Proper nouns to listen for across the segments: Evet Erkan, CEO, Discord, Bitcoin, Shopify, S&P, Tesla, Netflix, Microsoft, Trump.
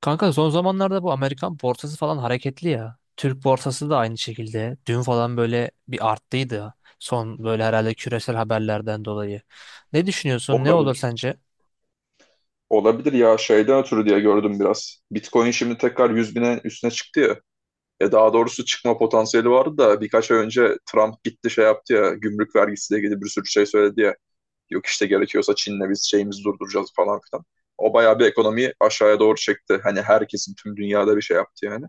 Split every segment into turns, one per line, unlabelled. Kanka son zamanlarda bu Amerikan borsası falan hareketli ya. Türk borsası da aynı şekilde. Dün falan böyle bir arttıydı. Son böyle herhalde küresel haberlerden dolayı. Ne düşünüyorsun? Ne olur
Olabilir.
sence?
Olabilir ya şeyden ötürü diye gördüm biraz. Bitcoin şimdi tekrar 100.000'e üstüne çıktı ya. Ya daha doğrusu çıkma potansiyeli vardı da birkaç ay önce Trump gitti şey yaptı ya, gümrük vergisiyle ilgili bir sürü şey söyledi ya. Yok işte gerekiyorsa Çin'le biz şeyimizi durduracağız falan filan. O bayağı bir ekonomiyi aşağıya doğru çekti. Hani herkesin tüm dünyada bir şey yaptı yani.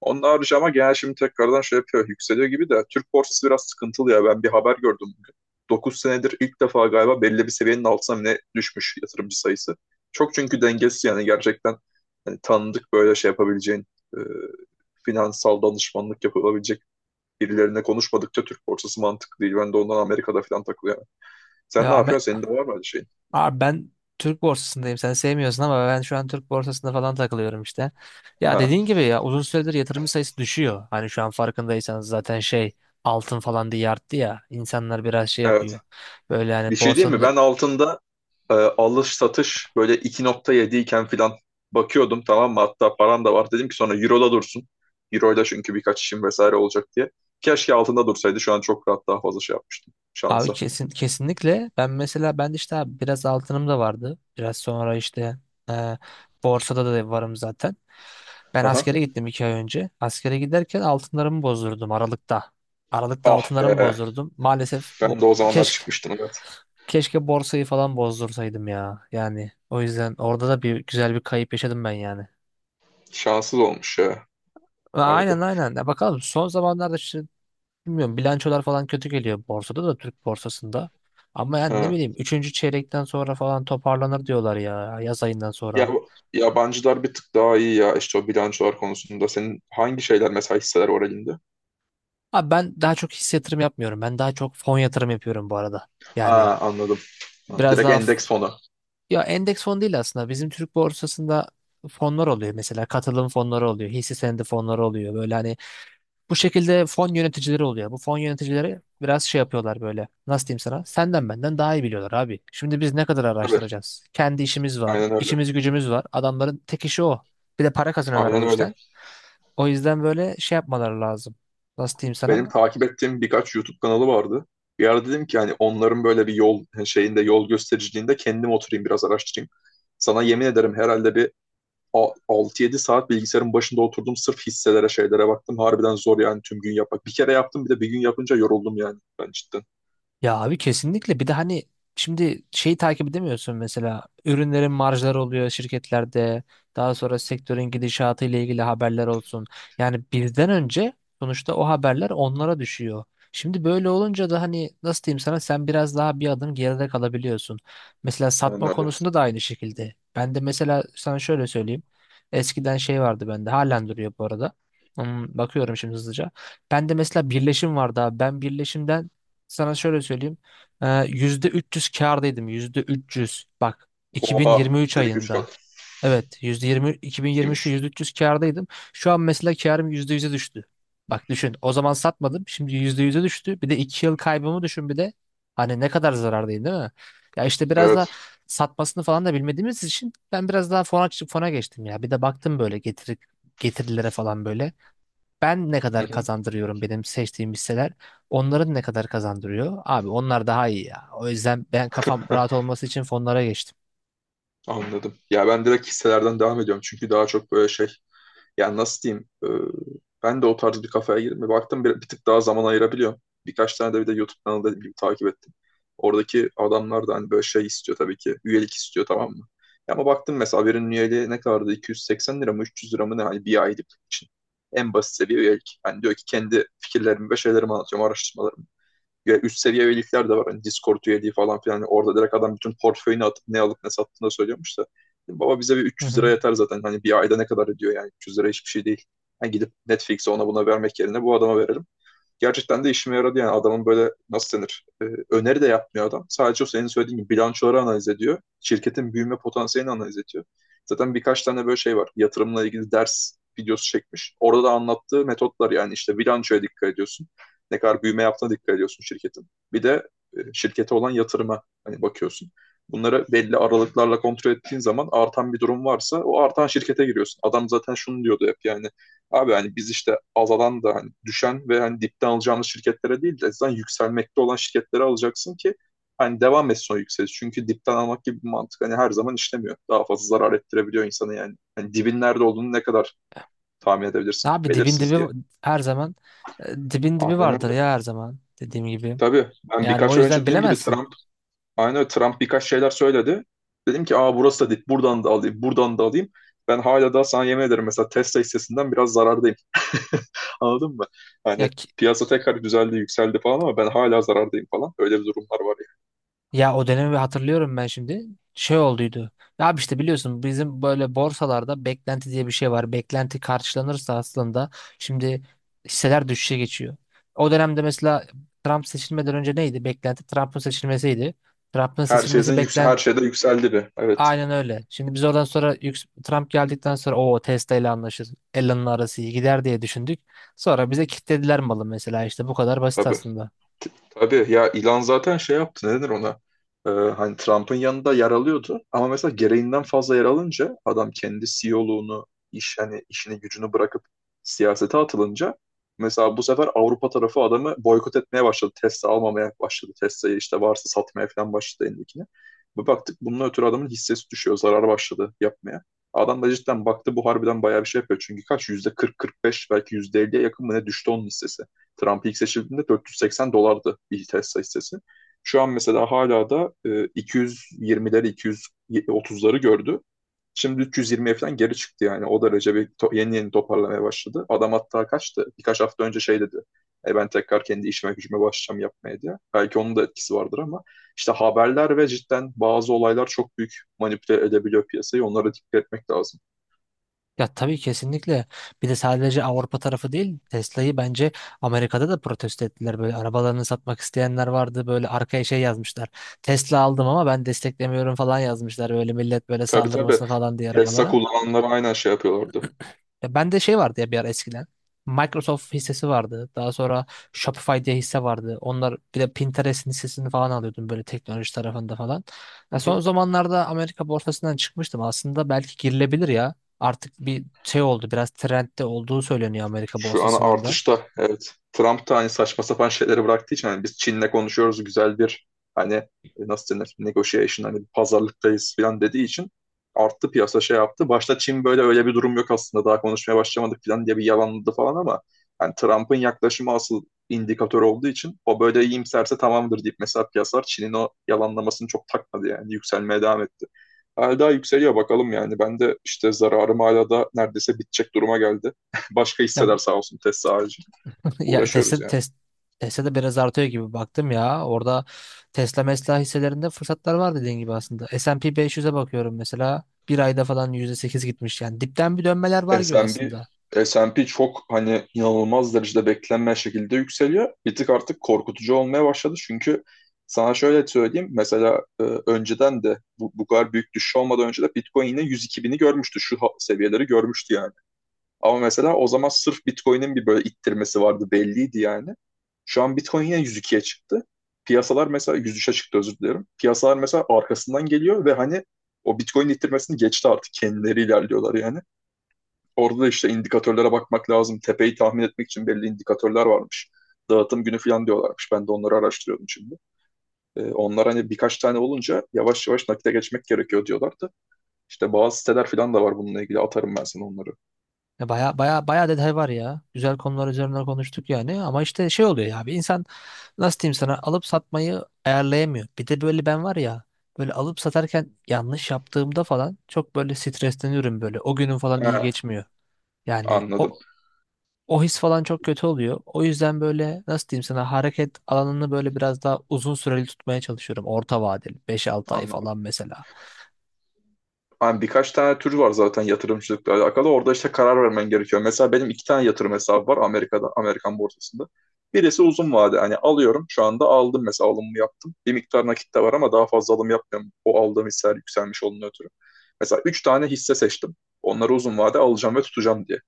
Onun harici ama genel şimdi tekrardan şey yapıyor. Yükseliyor gibi de Türk borsası biraz sıkıntılı ya. Ben bir haber gördüm bugün. Dokuz senedir ilk defa galiba belli bir seviyenin altına mı ne düşmüş yatırımcı sayısı. Çok çünkü dengesiz yani, gerçekten hani tanıdık böyle şey yapabileceğin, e, finansal danışmanlık yapılabilecek birilerine konuşmadıkça Türk borsası mantıklı değil. Ben de ondan Amerika'da falan takılıyorum. Sen ne
Ya
yapıyorsun? Senin de var mı öyle şeyin?
abi ben Türk borsasındayım. Sen sevmiyorsun ama ben şu an Türk borsasında falan takılıyorum işte. Ya
Ha,
dediğin gibi ya uzun süredir yatırım sayısı düşüyor. Hani şu an farkındaysanız zaten şey altın falan diye arttı ya. İnsanlar biraz şey yapıyor.
evet.
Böyle
Bir
hani
şey diyeyim
borsanın
mi?
da.
Ben altında alış satış böyle 2,7 iken filan bakıyordum, tamam mı? Hatta param da var. Dedim ki sonra Euro'da dursun. Euro'da çünkü birkaç işim vesaire olacak diye. Keşke altında dursaydı. Şu an çok rahat daha fazla şey yapmıştım
Abi
şansa.
kesinlikle ben mesela ben de işte abi biraz altınım da vardı. Biraz sonra işte, e, borsada da varım zaten. Ben
Aha.
askere gittim 2 ay önce. Askere giderken altınlarımı bozdurdum Aralık'ta. Aralık'ta
Ah
altınlarımı
be.
bozdurdum. Maalesef
Ben
bu,
de o zamanlar
keşke
çıkmıştım, evet.
keşke borsayı falan bozdursaydım ya. Yani o yüzden orada da bir güzel bir kayıp yaşadım ben yani.
Şanssız olmuş ya.
Aynen,
Harbi.
aynen. Ya bakalım son zamanlarda işte. Bilmiyorum, bilançolar falan kötü geliyor borsada da, Türk borsasında. Ama yani ne
Ha.
bileyim üçüncü çeyrekten sonra falan toparlanır diyorlar ya, yaz ayından
Ya,
sonra.
yabancılar bir tık daha iyi ya işte o bilançolar konusunda. Senin hangi şeyler mesela, hisseler oralinde?
Abi ben daha çok hisse yatırım yapmıyorum. Ben daha çok fon yatırım yapıyorum bu arada. Yani
Ha, anladım. Ha,
biraz
Direkt
daha
endeks fonu.
ya endeks fon değil aslında. Bizim Türk borsasında fonlar oluyor mesela, katılım fonları oluyor, hisse senedi fonları oluyor. Böyle hani bu şekilde fon yöneticileri oluyor. Bu fon yöneticileri biraz şey yapıyorlar böyle. Nasıl diyeyim sana? Senden benden daha iyi biliyorlar abi. Şimdi biz ne kadar
Tabii.
araştıracağız? Kendi işimiz var,
Aynen öyle.
işimiz gücümüz var. Adamların tek işi o. Bir de para kazanıyorlar
Aynen
bu işten.
öyle.
O yüzden böyle şey yapmaları lazım. Nasıl diyeyim
Benim
sana?
takip ettiğim birkaç YouTube kanalı vardı. Bir ara dedim ki hani onların böyle bir yol hani, şeyinde yol göstericiliğinde kendim oturayım biraz araştırayım. Sana yemin ederim herhalde bir 6-7 saat bilgisayarın başında oturdum sırf hisselere şeylere baktım. Harbiden zor yani tüm gün yapmak. Bir kere yaptım, bir de bir gün yapınca yoruldum yani ben cidden.
Ya abi kesinlikle, bir de hani şimdi şeyi takip edemiyorsun mesela, ürünlerin marjları oluyor şirketlerde, daha sonra sektörün gidişatı ile ilgili haberler olsun. Yani bizden önce sonuçta o haberler onlara düşüyor. Şimdi böyle olunca da hani nasıl diyeyim sana, sen biraz daha bir adım geride kalabiliyorsun. Mesela
Aynen
satma
öyle.
konusunda da aynı şekilde. Ben de mesela sana şöyle söyleyeyim. Eskiden şey vardı bende, halen duruyor bu arada. Bakıyorum şimdi hızlıca. Ben de mesela birleşim vardı abi. Ben birleşimden sana şöyle söyleyeyim. %300 kârdaydım. %300. Bak,
Oha,
2023
direkt 3
ayında.
kat.
Evet, %20,
Çok
2023'te
İyiymiş.
%300 kârdaydım. Şu an mesela kârım %100'e düştü. Bak, düşün. O zaman satmadım. Şimdi %100'e düştü. Bir de 2 yıl kaybımı düşün bir de. Hani ne kadar zarardayım, değil mi? Ya işte biraz da
Evet.
satmasını falan da bilmediğimiz için ben biraz daha fona geçtim ya. Bir de baktım böyle getirilere falan, böyle ben ne
Hı
kadar
hı.
kazandırıyorum, benim seçtiğim hisseler onların ne kadar kazandırıyor? Abi onlar daha iyi ya. O yüzden ben kafam rahat olması için fonlara geçtim.
Anladım. Ya ben direkt hisselerden devam ediyorum çünkü daha çok böyle şey. Yani nasıl diyeyim? Ben de o tarz bir kafaya girdim. Ve baktım bir tık daha zaman ayırabiliyorum. Birkaç tane de bir de YouTube kanalı da takip ettim. Oradaki adamlar da hani böyle şey istiyor tabii ki. Üyelik istiyor, tamam mı? Ya, ama baktım mesela, birinin üyeliği ne kadardı? 280 lira mı 300 lira mı ne? Hani bir aylık için. En basit seviye üyelik. Yani diyor ki kendi fikirlerimi ve şeylerimi anlatıyorum, araştırmalarımı; üst seviye üyelikler de var. Hani Discord üyeliği falan filan. Yani orada direkt adam bütün portföyünü atıp ne alıp ne sattığını da söylüyormuş da. Baba, bize bir
Hı
300 lira
hı.
yeter zaten. Hani bir ayda ne kadar ediyor yani, 300 lira hiçbir şey değil. Yani gidip Netflix'e ona buna vermek yerine bu adama verelim. Gerçekten de işime yaradı yani, adamın böyle nasıl denir, öneri de yapmıyor adam. Sadece o senin söylediğin gibi bilançoları analiz ediyor. Şirketin büyüme potansiyelini analiz ediyor. Zaten birkaç tane böyle şey var. Yatırımla ilgili ders videosu çekmiş. Orada da anlattığı metotlar yani işte, bilançoya dikkat ediyorsun. Ne kadar büyüme yaptığına dikkat ediyorsun şirketin. Bir de şirkete olan yatırıma hani bakıyorsun. Bunları belli aralıklarla kontrol ettiğin zaman artan bir durum varsa o artan şirkete giriyorsun. Adam zaten şunu diyordu hep yani, abi hani biz işte azalan da hani düşen ve hani dipten alacağımız şirketlere değil de zaten yükselmekte olan şirketlere alacaksın ki hani devam etsin o yükseliş. Çünkü dipten almak gibi bir mantık hani her zaman işlemiyor. Daha fazla zarar ettirebiliyor insanı yani. Hani dibin nerede olduğunu ne kadar tahmin edebilirsin?
Abi dibin
Belirsiz
dibi
diye.
her zaman, dibin dibi
Aynen
vardır
öyle.
ya her zaman, dediğim gibi.
Tabii ben
Yani o
birkaç ay önce
yüzden
dediğim gibi
bilemezsin.
Aynen öyle. Trump birkaç şeyler söyledi. Dedim ki, aa burası da dip, buradan da alayım, buradan da alayım. Ben hala daha sana yemin ederim mesela Tesla hissesinden biraz zarardayım. Anladın mı?
Ya
Hani
ki-
piyasa tekrar düzeldi yükseldi falan ama ben hala zarardayım falan. Öyle bir durumlar var yani.
Ya o dönemi hatırlıyorum ben şimdi. Şey olduydu. Ya abi işte biliyorsun, bizim böyle borsalarda beklenti diye bir şey var. Beklenti karşılanırsa aslında şimdi hisseler düşüşe geçiyor. O dönemde mesela Trump seçilmeden önce neydi? Beklenti Trump'ın seçilmesiydi. Trump'ın seçilmesi
Her şeyde yükseldi bir. Evet,
aynen öyle. Şimdi biz oradan sonra Trump geldikten sonra o Tesla ile anlaşır, Elon'la arası iyi gider diye düşündük. Sonra bize kilitlediler malı mesela, işte bu kadar basit
tabii.
aslında.
Tabii ya, ilan zaten şey yaptı, ne denir ona, hani Trump'ın yanında yer alıyordu ama mesela gereğinden fazla yer alınca adam kendi CEO'luğunu, iş hani işini gücünü bırakıp siyasete atılınca mesela bu sefer Avrupa tarafı adamı boykot etmeye başladı, Tesla almamaya başladı, Tesla'yı işte varsa satmaya falan başladı elindekini. Bir baktık bunun ötürü adamın hissesi düşüyor, zarar başladı yapmaya. Adam da cidden baktı bu harbiden bayağı bir şey yapıyor çünkü kaç yüzde 40-45, belki yüzde 50'ye yakın mı ne düştü onun hissesi. Trump ilk seçildiğinde 480 dolardı bir Tesla hissesi. Şu an mesela hala da 220'leri 230'ları gördü. Şimdi 320'ye falan geri çıktı yani. O derece bir yeni yeni toparlamaya başladı. Adam hatta kaçtı. Birkaç hafta önce şey dedi. E, ben tekrar kendi işime gücüme başlayacağım yapmaya diye. Belki onun da etkisi vardır ama işte haberler ve cidden bazı olaylar çok büyük manipüle edebiliyor piyasayı. Onlara dikkat etmek lazım.
Ya tabii, kesinlikle. Bir de sadece Avrupa tarafı değil, Tesla'yı bence Amerika'da da protesto ettiler. Böyle arabalarını satmak isteyenler vardı. Böyle arkaya şey yazmışlar. Tesla aldım ama ben desteklemiyorum falan yazmışlar. Böyle millet böyle
Tabii, tabii.
saldırmasın falan diye
Tesla
arabalara.
kullananlar aynen şey yapıyorlardı.
Ya bende şey vardı ya bir ara eskiden. Microsoft hissesi vardı. Daha sonra Shopify diye hisse vardı. Onlar, bir de Pinterest'in hissesini falan alıyordum böyle teknoloji tarafında falan. Ya
Hı
son
hı.
zamanlarda Amerika borsasından çıkmıştım. Aslında belki girilebilir ya. Artık bir şey oldu. Biraz trendde olduğu söyleniyor Amerika
Şu an
borsasının da.
artışta, evet. Trump da hani saçma sapan şeyleri bıraktığı için, hani biz Çin'le konuşuyoruz güzel bir hani nasıl denir negotiation, hani bir pazarlıktayız falan dediği için arttı piyasa, şey yaptı. Başta Çin böyle öyle bir durum yok aslında, daha konuşmaya başlamadık falan diye bir yalanladı falan ama hani Trump'ın yaklaşımı asıl indikatör olduğu için o böyle iyimserse tamamdır deyip mesela piyasalar Çin'in o yalanlamasını çok takmadı yani, yükselmeye devam etti. Hala daha yükseliyor bakalım yani. Ben de işte zararım hala da neredeyse bitecek duruma geldi. Başka
Ya
hisseler sağ olsun, Tesla harici.
Ya
Uğraşıyoruz
Tesla
yani.
tes Tesla da biraz artıyor gibi baktım ya. Orada Tesla mesela hisselerinde fırsatlar var dediğin gibi aslında. S&P 500'e bakıyorum mesela. Bir ayda falan %8 gitmiş yani. Dipten bir dönmeler var gibi aslında.
S&P S&P çok hani inanılmaz derecede beklenmeyen şekilde yükseliyor. Bir tık artık korkutucu olmaya başladı çünkü sana şöyle söyleyeyim. Mesela önceden de bu kadar büyük düşüş olmadan önce de Bitcoin yine 102 bini görmüştü. Şu seviyeleri görmüştü yani. Ama mesela o zaman sırf Bitcoin'in bir böyle ittirmesi vardı, belliydi yani. Şu an Bitcoin yine 102'ye çıktı. Piyasalar mesela 103'e çıktı, özür dilerim. Piyasalar mesela arkasından geliyor ve hani o Bitcoin ittirmesini geçti artık. Kendileri ilerliyorlar yani. Orada da işte indikatörlere bakmak lazım. Tepeyi tahmin etmek için belli indikatörler varmış. Dağıtım günü falan diyorlarmış. Ben de onları araştırıyordum şimdi. Onlar hani birkaç tane olunca yavaş yavaş nakite geçmek gerekiyor diyorlardı. İşte bazı siteler falan da var bununla ilgili. Atarım ben sana onları.
Ya baya baya baya detay var ya. Güzel konular üzerine konuştuk yani. Ama işte şey oluyor ya. Bir insan nasıl diyeyim sana, alıp satmayı ayarlayamıyor. Bir de böyle ben var ya. Böyle alıp satarken yanlış yaptığımda falan çok böyle stresleniyorum böyle. O günüm falan iyi
Ha,
geçmiyor. Yani
anladım.
o his falan çok kötü oluyor. O yüzden böyle nasıl diyeyim sana, hareket alanını böyle biraz daha uzun süreli tutmaya çalışıyorum. Orta vadeli 5 6 ay
Anladım.
falan mesela.
Hani birkaç tane tür var zaten yatırımcılıkla alakalı. Orada işte karar vermen gerekiyor. Mesela benim iki tane yatırım hesabı var Amerika'da, Amerikan borsasında. Birisi uzun vade. Hani alıyorum. Şu anda aldım mesela, alımımı yaptım. Bir miktar nakit de var ama daha fazla alım yapmıyorum. O aldığım hisseler yükselmiş olduğunu ötürü. Mesela üç tane hisse seçtim. Onları uzun vade alacağım ve tutacağım diye.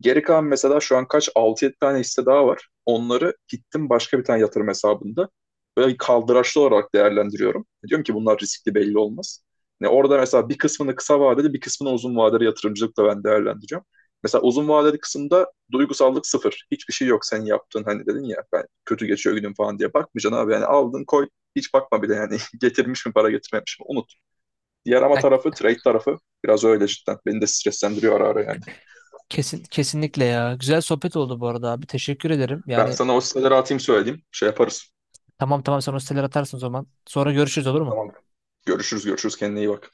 Geri kalan mesela şu an kaç altı yedi tane hisse daha var. Onları gittim başka bir tane yatırım hesabında böyle kaldıraçlı olarak değerlendiriyorum. Diyorum ki bunlar riskli, belli olmaz. Ne orada mesela, bir kısmını kısa vadeli bir kısmını uzun vadeli yatırımcılıkla ben değerlendireceğim. Mesela uzun vadeli kısımda duygusallık sıfır. Hiçbir şey yok senin yaptığın, hani dedin ya ben kötü geçiyor günüm falan diye, bakmayacaksın abi. Yani aldın koy, hiç bakma bile yani. Getirmiş mi para getirmemiş mi, unut. Diğer ama
Ya,
tarafı, trade tarafı biraz öyle cidden. Beni de streslendiriyor ara ara yani.
kesinlikle ya. Güzel sohbet oldu bu arada abi. Teşekkür ederim.
Ben
Yani
sana o siteleri atayım, söyleyeyim. Şey yaparız.
tamam, tamam, sen o siteleri atarsın o zaman. Sonra görüşürüz, olur mu?
Tamam. Görüşürüz, görüşürüz. Kendine iyi bak.